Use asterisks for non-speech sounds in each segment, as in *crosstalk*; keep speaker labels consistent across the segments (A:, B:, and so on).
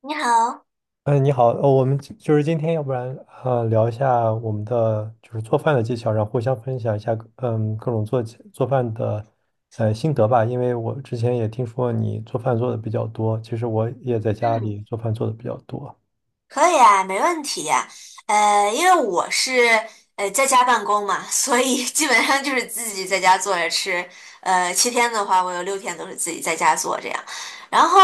A: 你好，
B: 嗯，你好，我们今就是今天，要不然聊一下我们的做饭的技巧，然后互相分享一下各种做饭的心得吧。因为我之前也听说你做饭做的比较多，其实我也在家
A: 嗯，
B: 里做饭做的比较多。
A: 可以啊，没问题呀，因为我是在家办公嘛，所以 *laughs* 基本上就是自己在家做着吃。7天的话，我有6天都是自己在家做这样。然后，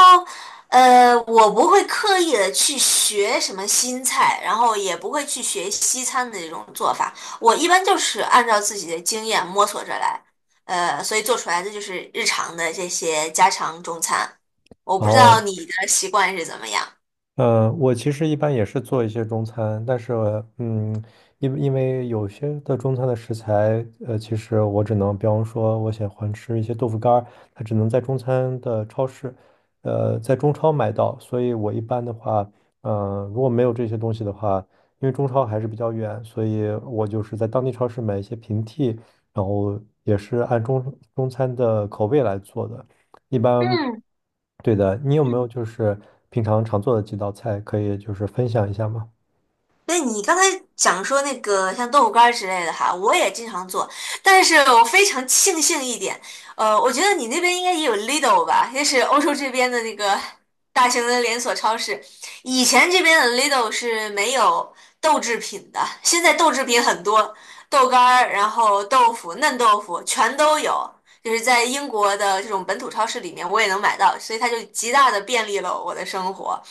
A: 我不会刻意的去学什么新菜，然后也不会去学西餐的这种做法。我一般就是按照自己的经验摸索着来，所以做出来的就是日常的这些家常中餐。我
B: 然
A: 不知道
B: 后
A: 你的习惯是怎么样。
B: 我其实一般也是做一些中餐，但是嗯，因为有些的中餐的食材，其实我只能，比方说，我喜欢吃一些豆腐干儿，它只能在中餐的超市，在中超买到，所以我一般的话，如果没有这些东西的话，因为中超还是比较远，所以我就是在当地超市买一些平替，然后也是按中餐的口味来做的。一般，
A: 嗯
B: 对的，你有没有
A: 嗯，
B: 就是平常做的几道菜，可以就是分享一下吗？
A: 那你刚才讲说那个像豆腐干儿之类的哈，我也经常做，但是我非常庆幸一点，我觉得你那边应该也有 Lidl 吧，也是欧洲这边的那个 *laughs* 大型的连锁超市。以前这边的 Lidl 是没有豆制品的，现在豆制品很多，豆干儿，然后豆腐、嫩豆腐全都有，就是在英国的这种本土超市里面我也能买到，所以它就极大的便利了我的生活。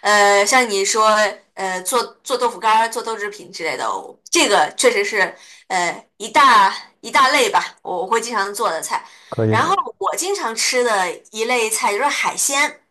A: 像你说，做做豆腐干儿、做豆制品之类的，我这个确实是呃一大一大类吧，我会经常做的菜。
B: 可以
A: 然
B: 的。
A: 后我经常吃的一类菜就是海鲜，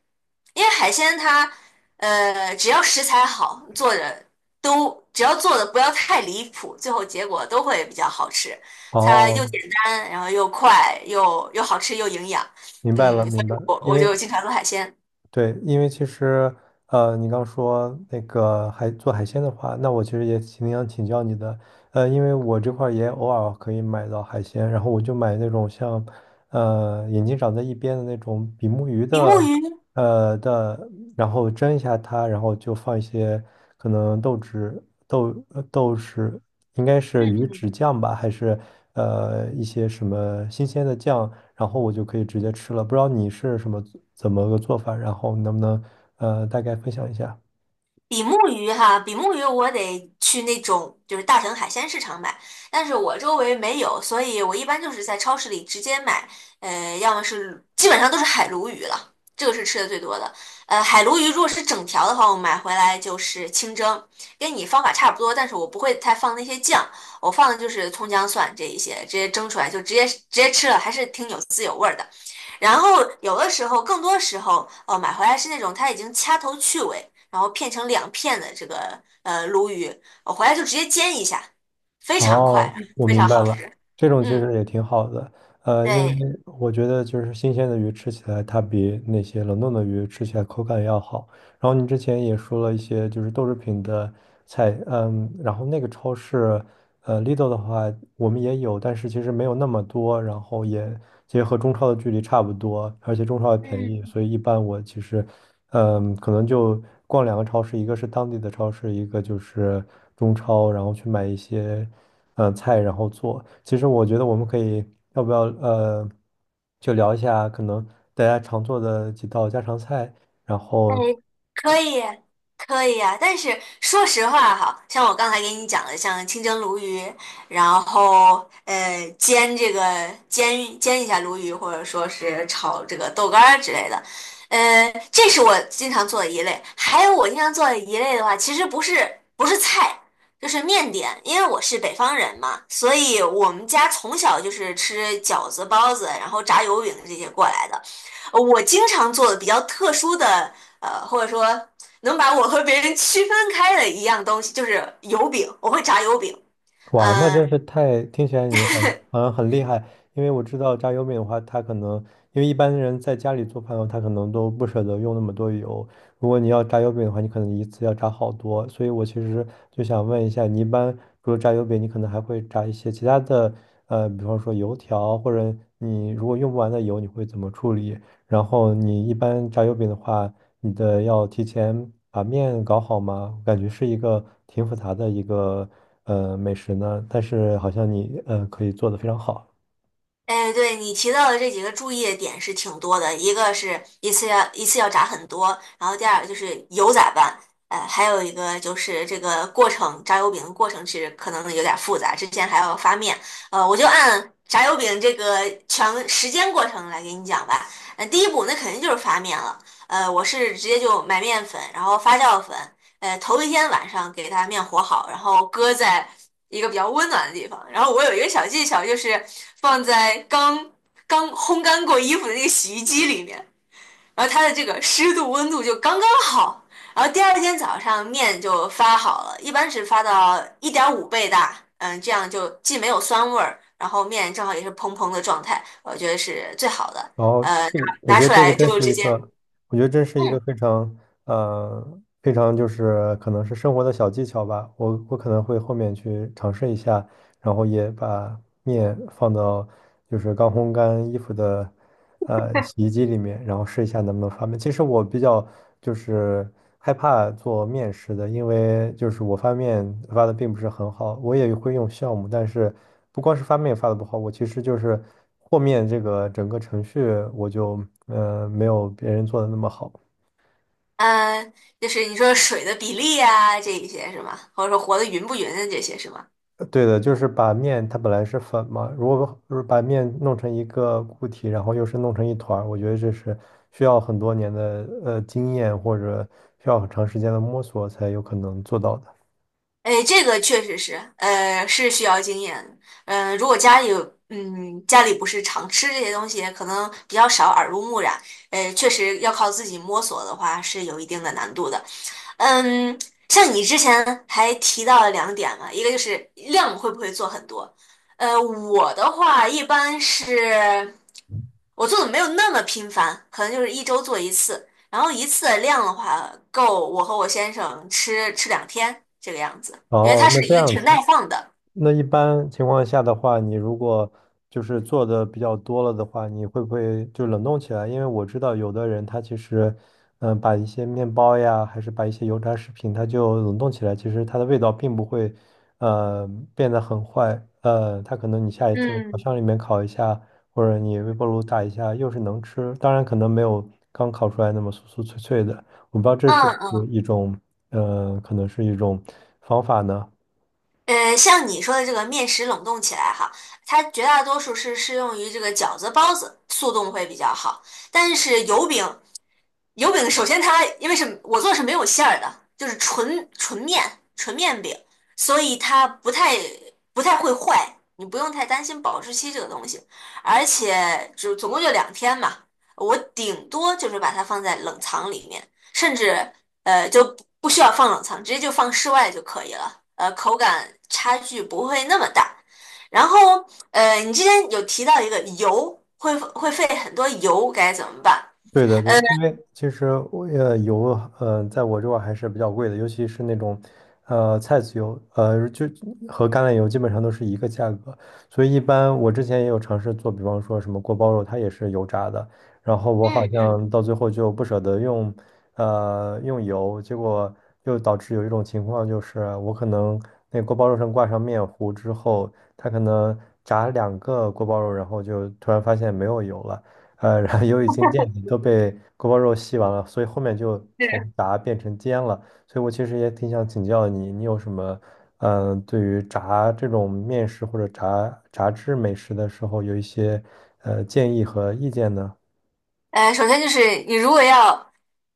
A: 因为海鲜它只要食材好，做的都只要做的不要太离谱，最后结果都会比较好吃。它又
B: 哦，
A: 简单，然后又快，又好吃又营养，
B: 明白了，
A: 嗯，所
B: 明
A: 以
B: 白了。
A: 我
B: 因
A: 我
B: 为
A: 就经常做海鲜。
B: 对，因为其实，你刚说那个海鲜的话，那我其实也挺想请教你的，因为我这块儿也偶尔可以买到海鲜，然后我就买那种像，眼睛长在一边的那种比目鱼
A: 比目
B: 的，
A: 鱼。
B: 呃的，然后蒸一下它，然后就放一些可能豆豉、豆豉，应该是鱼豉酱吧，还是一些什么新鲜的酱。然后我就可以直接吃了。不知道你是怎么个做法，然后能不能大概分享一下？
A: 比目鱼哈，比目鱼我得去那种就是大城海鲜市场买，但是我周围没有，所以我一般就是在超市里直接买，要么是基本上都是海鲈鱼了，这个是吃的最多的。海鲈鱼如果是整条的话，我买回来就是清蒸，跟你方法差不多，但是我不会太放那些酱，我放的就是葱姜蒜这一些，直接蒸出来就直接吃了，还是挺有滋有味儿的。然后有的时候，更多时候，买回来是那种它已经掐头去尾，然后片成2片的这个鲈鱼，我回来就直接煎一下，非常
B: 哦，
A: 快，
B: 我
A: 非
B: 明
A: 常
B: 白
A: 好
B: 了，
A: 吃。
B: 这种其
A: 嗯，
B: 实也挺好的，因为
A: 对。
B: 我觉得就是新鲜的鱼吃起来，它比那些冷冻的鱼吃起来口感要好。然后你之前也说了一些就是豆制品的菜，嗯，然后那个超市，Lidl 的话我们也有，但是其实没有那么多，然后也其实和中超的距离差不多，而且中超也便宜，
A: 嗯。
B: 所以一般我其实嗯，可能就逛两个超市，一个是当地的超市，一个就是中超，然后去买一些菜，然后做。其实我觉得我们可以，要不要就聊一下可能大家常做的几道家常菜，然
A: 哎，
B: 后
A: 可以，可以啊，但是说实话哈，像我刚才给你讲的，像清蒸鲈鱼，然后呃煎这个煎煎一下鲈鱼，或者说是炒这个豆干儿之类的，这是我经常做的一类。还有我经常做的一类的话，其实不是菜，就是面点，因为我是北方人嘛，所以我们家从小就是吃饺子、包子，然后炸油饼这些过来的。我经常做的比较特殊的。或者说能把我和别人区分开的一样东西，就是油饼，我会炸油饼。
B: 哇，那
A: 嗯，
B: 真是太，听起来
A: *laughs*
B: 好像很厉害，因为我知道炸油饼的话，它可能因为一般人在家里做饭的话，他可能都不舍得用那么多油。如果你要炸油饼的话，你可能一次要炸好多。所以我其实就想问一下，你一般除了炸油饼，你可能还会炸一些其他的，比方说油条，或者你如果用不完的油，你会怎么处理？然后你一般炸油饼的话，你的要提前把面搞好吗？我感觉是一个挺复杂的一个美食呢，但是好像你可以做得非常好。
A: 哎，对，你提到的这几个注意的点是挺多的，一个是一次要炸很多，然后第二个就是油咋办？还有一个就是这个过程，炸油饼的过程其实可能有点复杂，之前还要发面。我就按炸油饼这个全时间过程来给你讲吧。第一步那肯定就是发面了。我是直接就买面粉，然后发酵粉。头一天晚上给它面和好，然后搁在一个比较温暖的地方。然后我有一个小技巧，就是放在刚刚烘干过衣服的那个洗衣机里面，然后它的这个湿度、温度就刚刚好。然后第二天早上面就发好了，一般是发到1.5倍大，嗯，这样就既没有酸味儿，然后面正好也是蓬蓬的状态，我觉得是最好的。
B: 然后这
A: 拿
B: 我
A: 拿
B: 觉得
A: 出
B: 这个
A: 来
B: 真
A: 就
B: 是
A: 直
B: 一
A: 接，
B: 个，我觉得真是一个
A: 嗯
B: 非常非常就是可能是生活的小技巧吧。我可能会后面去尝试一下，然后也把面放到就是刚烘干衣服的，洗衣机里面，然后试一下能不能发面。其实我比较就是害怕做面食的，因为就是我发面发的并不是很好，我也会用酵母，但是不光是发面发的不好，我其实就是和面这个整个程序我就没有别人做的那么好。
A: 嗯，就是你说水的比例啊，这一些是吗？或者说和的匀不匀的这些是吗？
B: 对的，就是把面它本来是粉嘛，如果把面弄成一个固体，然后又是弄成一团儿，我觉得这是需要很多年的经验或者需要很长时间的摸索才有可能做到的。
A: 哎，这个确实是，是需要经验的。嗯，如果家里有，嗯，家里不是常吃这些东西，可能比较少耳濡目染。确实要靠自己摸索的话，是有一定的难度的。嗯，像你之前还提到了2点嘛，一个就是量会不会做很多。我的话一般是，我做的没有那么频繁，可能就是一周做一次，然后一次的量的话够我和我先生吃吃两天这个样子，因为
B: 哦，
A: 它
B: 那
A: 是
B: 这
A: 一个
B: 样
A: 挺
B: 子。
A: 耐放的。
B: 那一般情况下的话，你如果就是做的比较多了的话，你会不会就冷冻起来？因为我知道有的人他其实，嗯，把一些面包呀，还是把一些油炸食品，它就冷冻起来，其实它的味道并不会，呃，变得很坏。它可能你下一次烤
A: 嗯，
B: 箱里面烤一下，或者你微波炉打一下，又是能吃。当然，可能没有刚烤出来那么酥酥脆脆的。我不知道这是不
A: 嗯，
B: 是一种，可能是一种方法呢？
A: 像你说的这个面食冷冻起来哈，它绝大多数是适用于这个饺子、包子，速冻会比较好。但是油饼首先它因为是我做的是没有馅儿的，就是纯面饼，所以它不太会坏，你不用太担心保质期这个东西。而且就总共就两天嘛，我顶多就是把它放在冷藏里面，甚至。就不需要放冷藏，直接就放室外就可以了。口感差距不会那么大。然后，你之前有提到一个油会费很多油，该怎么办？
B: 对的，对，因为其实我油，在我这块儿还是比较贵的，尤其是那种，菜籽油，就和橄榄油基本上都是一个价格，所以一般我之前也有尝试做，比方说什么锅包肉，它也是油炸的，然后我好
A: 嗯嗯
B: 像到最后就不舍得用，用油，结果又导致有一种情况就是我可能那锅包肉上挂上面糊之后，它可能炸两个锅包肉，然后就突然发现没有油了。然后油已经见底，都被锅包肉吸完了，所以后面就从炸变成煎了。所以我其实也挺想请教你，你有什么，嗯、对于炸这种面食或者炸制美食的时候，有一些建议和意见呢？
A: 首先就是你如果要，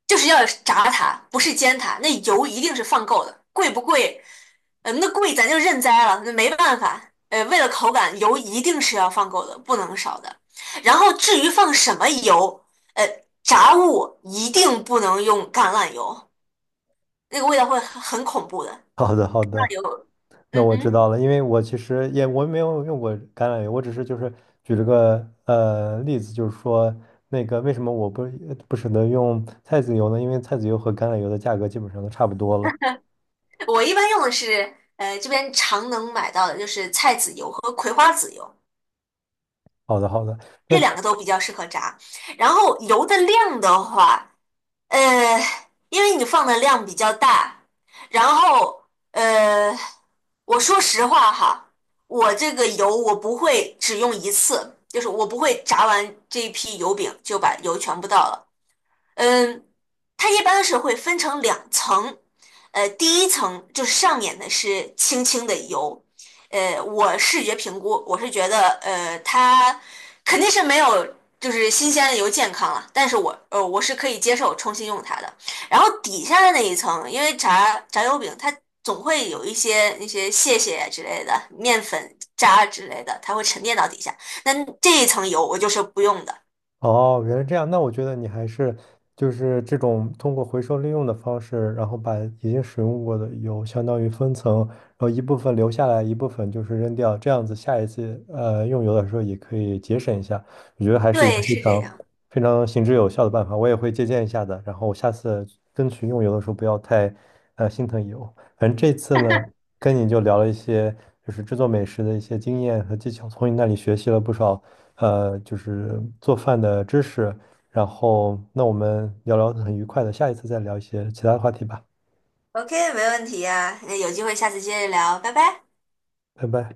A: 就是要炸它，不是煎它，那油一定是放够的，贵不贵？那贵咱就认栽了，那没办法。为了口感，油一定是要放够的，不能少的。然后至于放什么油，呃，炸物一定不能用橄榄油，那个味道会很恐怖的。
B: *laughs* 好的，好
A: 那
B: 的，
A: 榄油，
B: 那
A: 嗯
B: 我知
A: 嗯，
B: 道了，因为我其实也我没有用过橄榄油，我只是就是举了个例子，就是说那个为什么我不不舍得用菜籽油呢？因为菜籽油和橄榄油的价格基本上都差不多了。
A: 我一般用的是这边常能买到的，就是菜籽油和葵花籽油。
B: 好的，好的。那
A: 这两个都比较适合炸。然后油的量的话，呃，因为你放的量比较大，然后呃，我说实话哈，我这个油我不会只用一次，就是我不会炸完这一批油饼就把油全部倒了。嗯，它一般是会分成2层，第一层就是上面的是轻轻的油，我视觉评估，我是觉得，它肯定是没有就是新鲜的油健康了，但是我是可以接受重新用它的。然后底下的那一层，因为炸油饼它总会有一些那些屑屑之类的、面粉渣之类的，它会沉淀到底下，那这一层油我就是不用的。
B: 哦，原来这样。那我觉得你还是就是这种通过回收利用的方式，然后把已经使用过的油相当于分层，然后一部分留下来，一部分就是扔掉，这样子下一次用油的时候也可以节省一下。我觉得还是一个
A: 对，
B: 非
A: 是这
B: 常
A: 样。
B: 非常行之有效的办法，我也会借鉴一下的。然后我下次争取用油的时候不要太心疼油。反正这次呢，跟你就聊了一些，就是制作美食的一些经验和技巧，从你那里学习了不少，就是做饭的知识。然后，那我们聊得很愉快的，下一次再聊一些其他的话题吧，
A: OK,没问题呀，那有机会下次接着聊，拜拜。
B: 拜拜。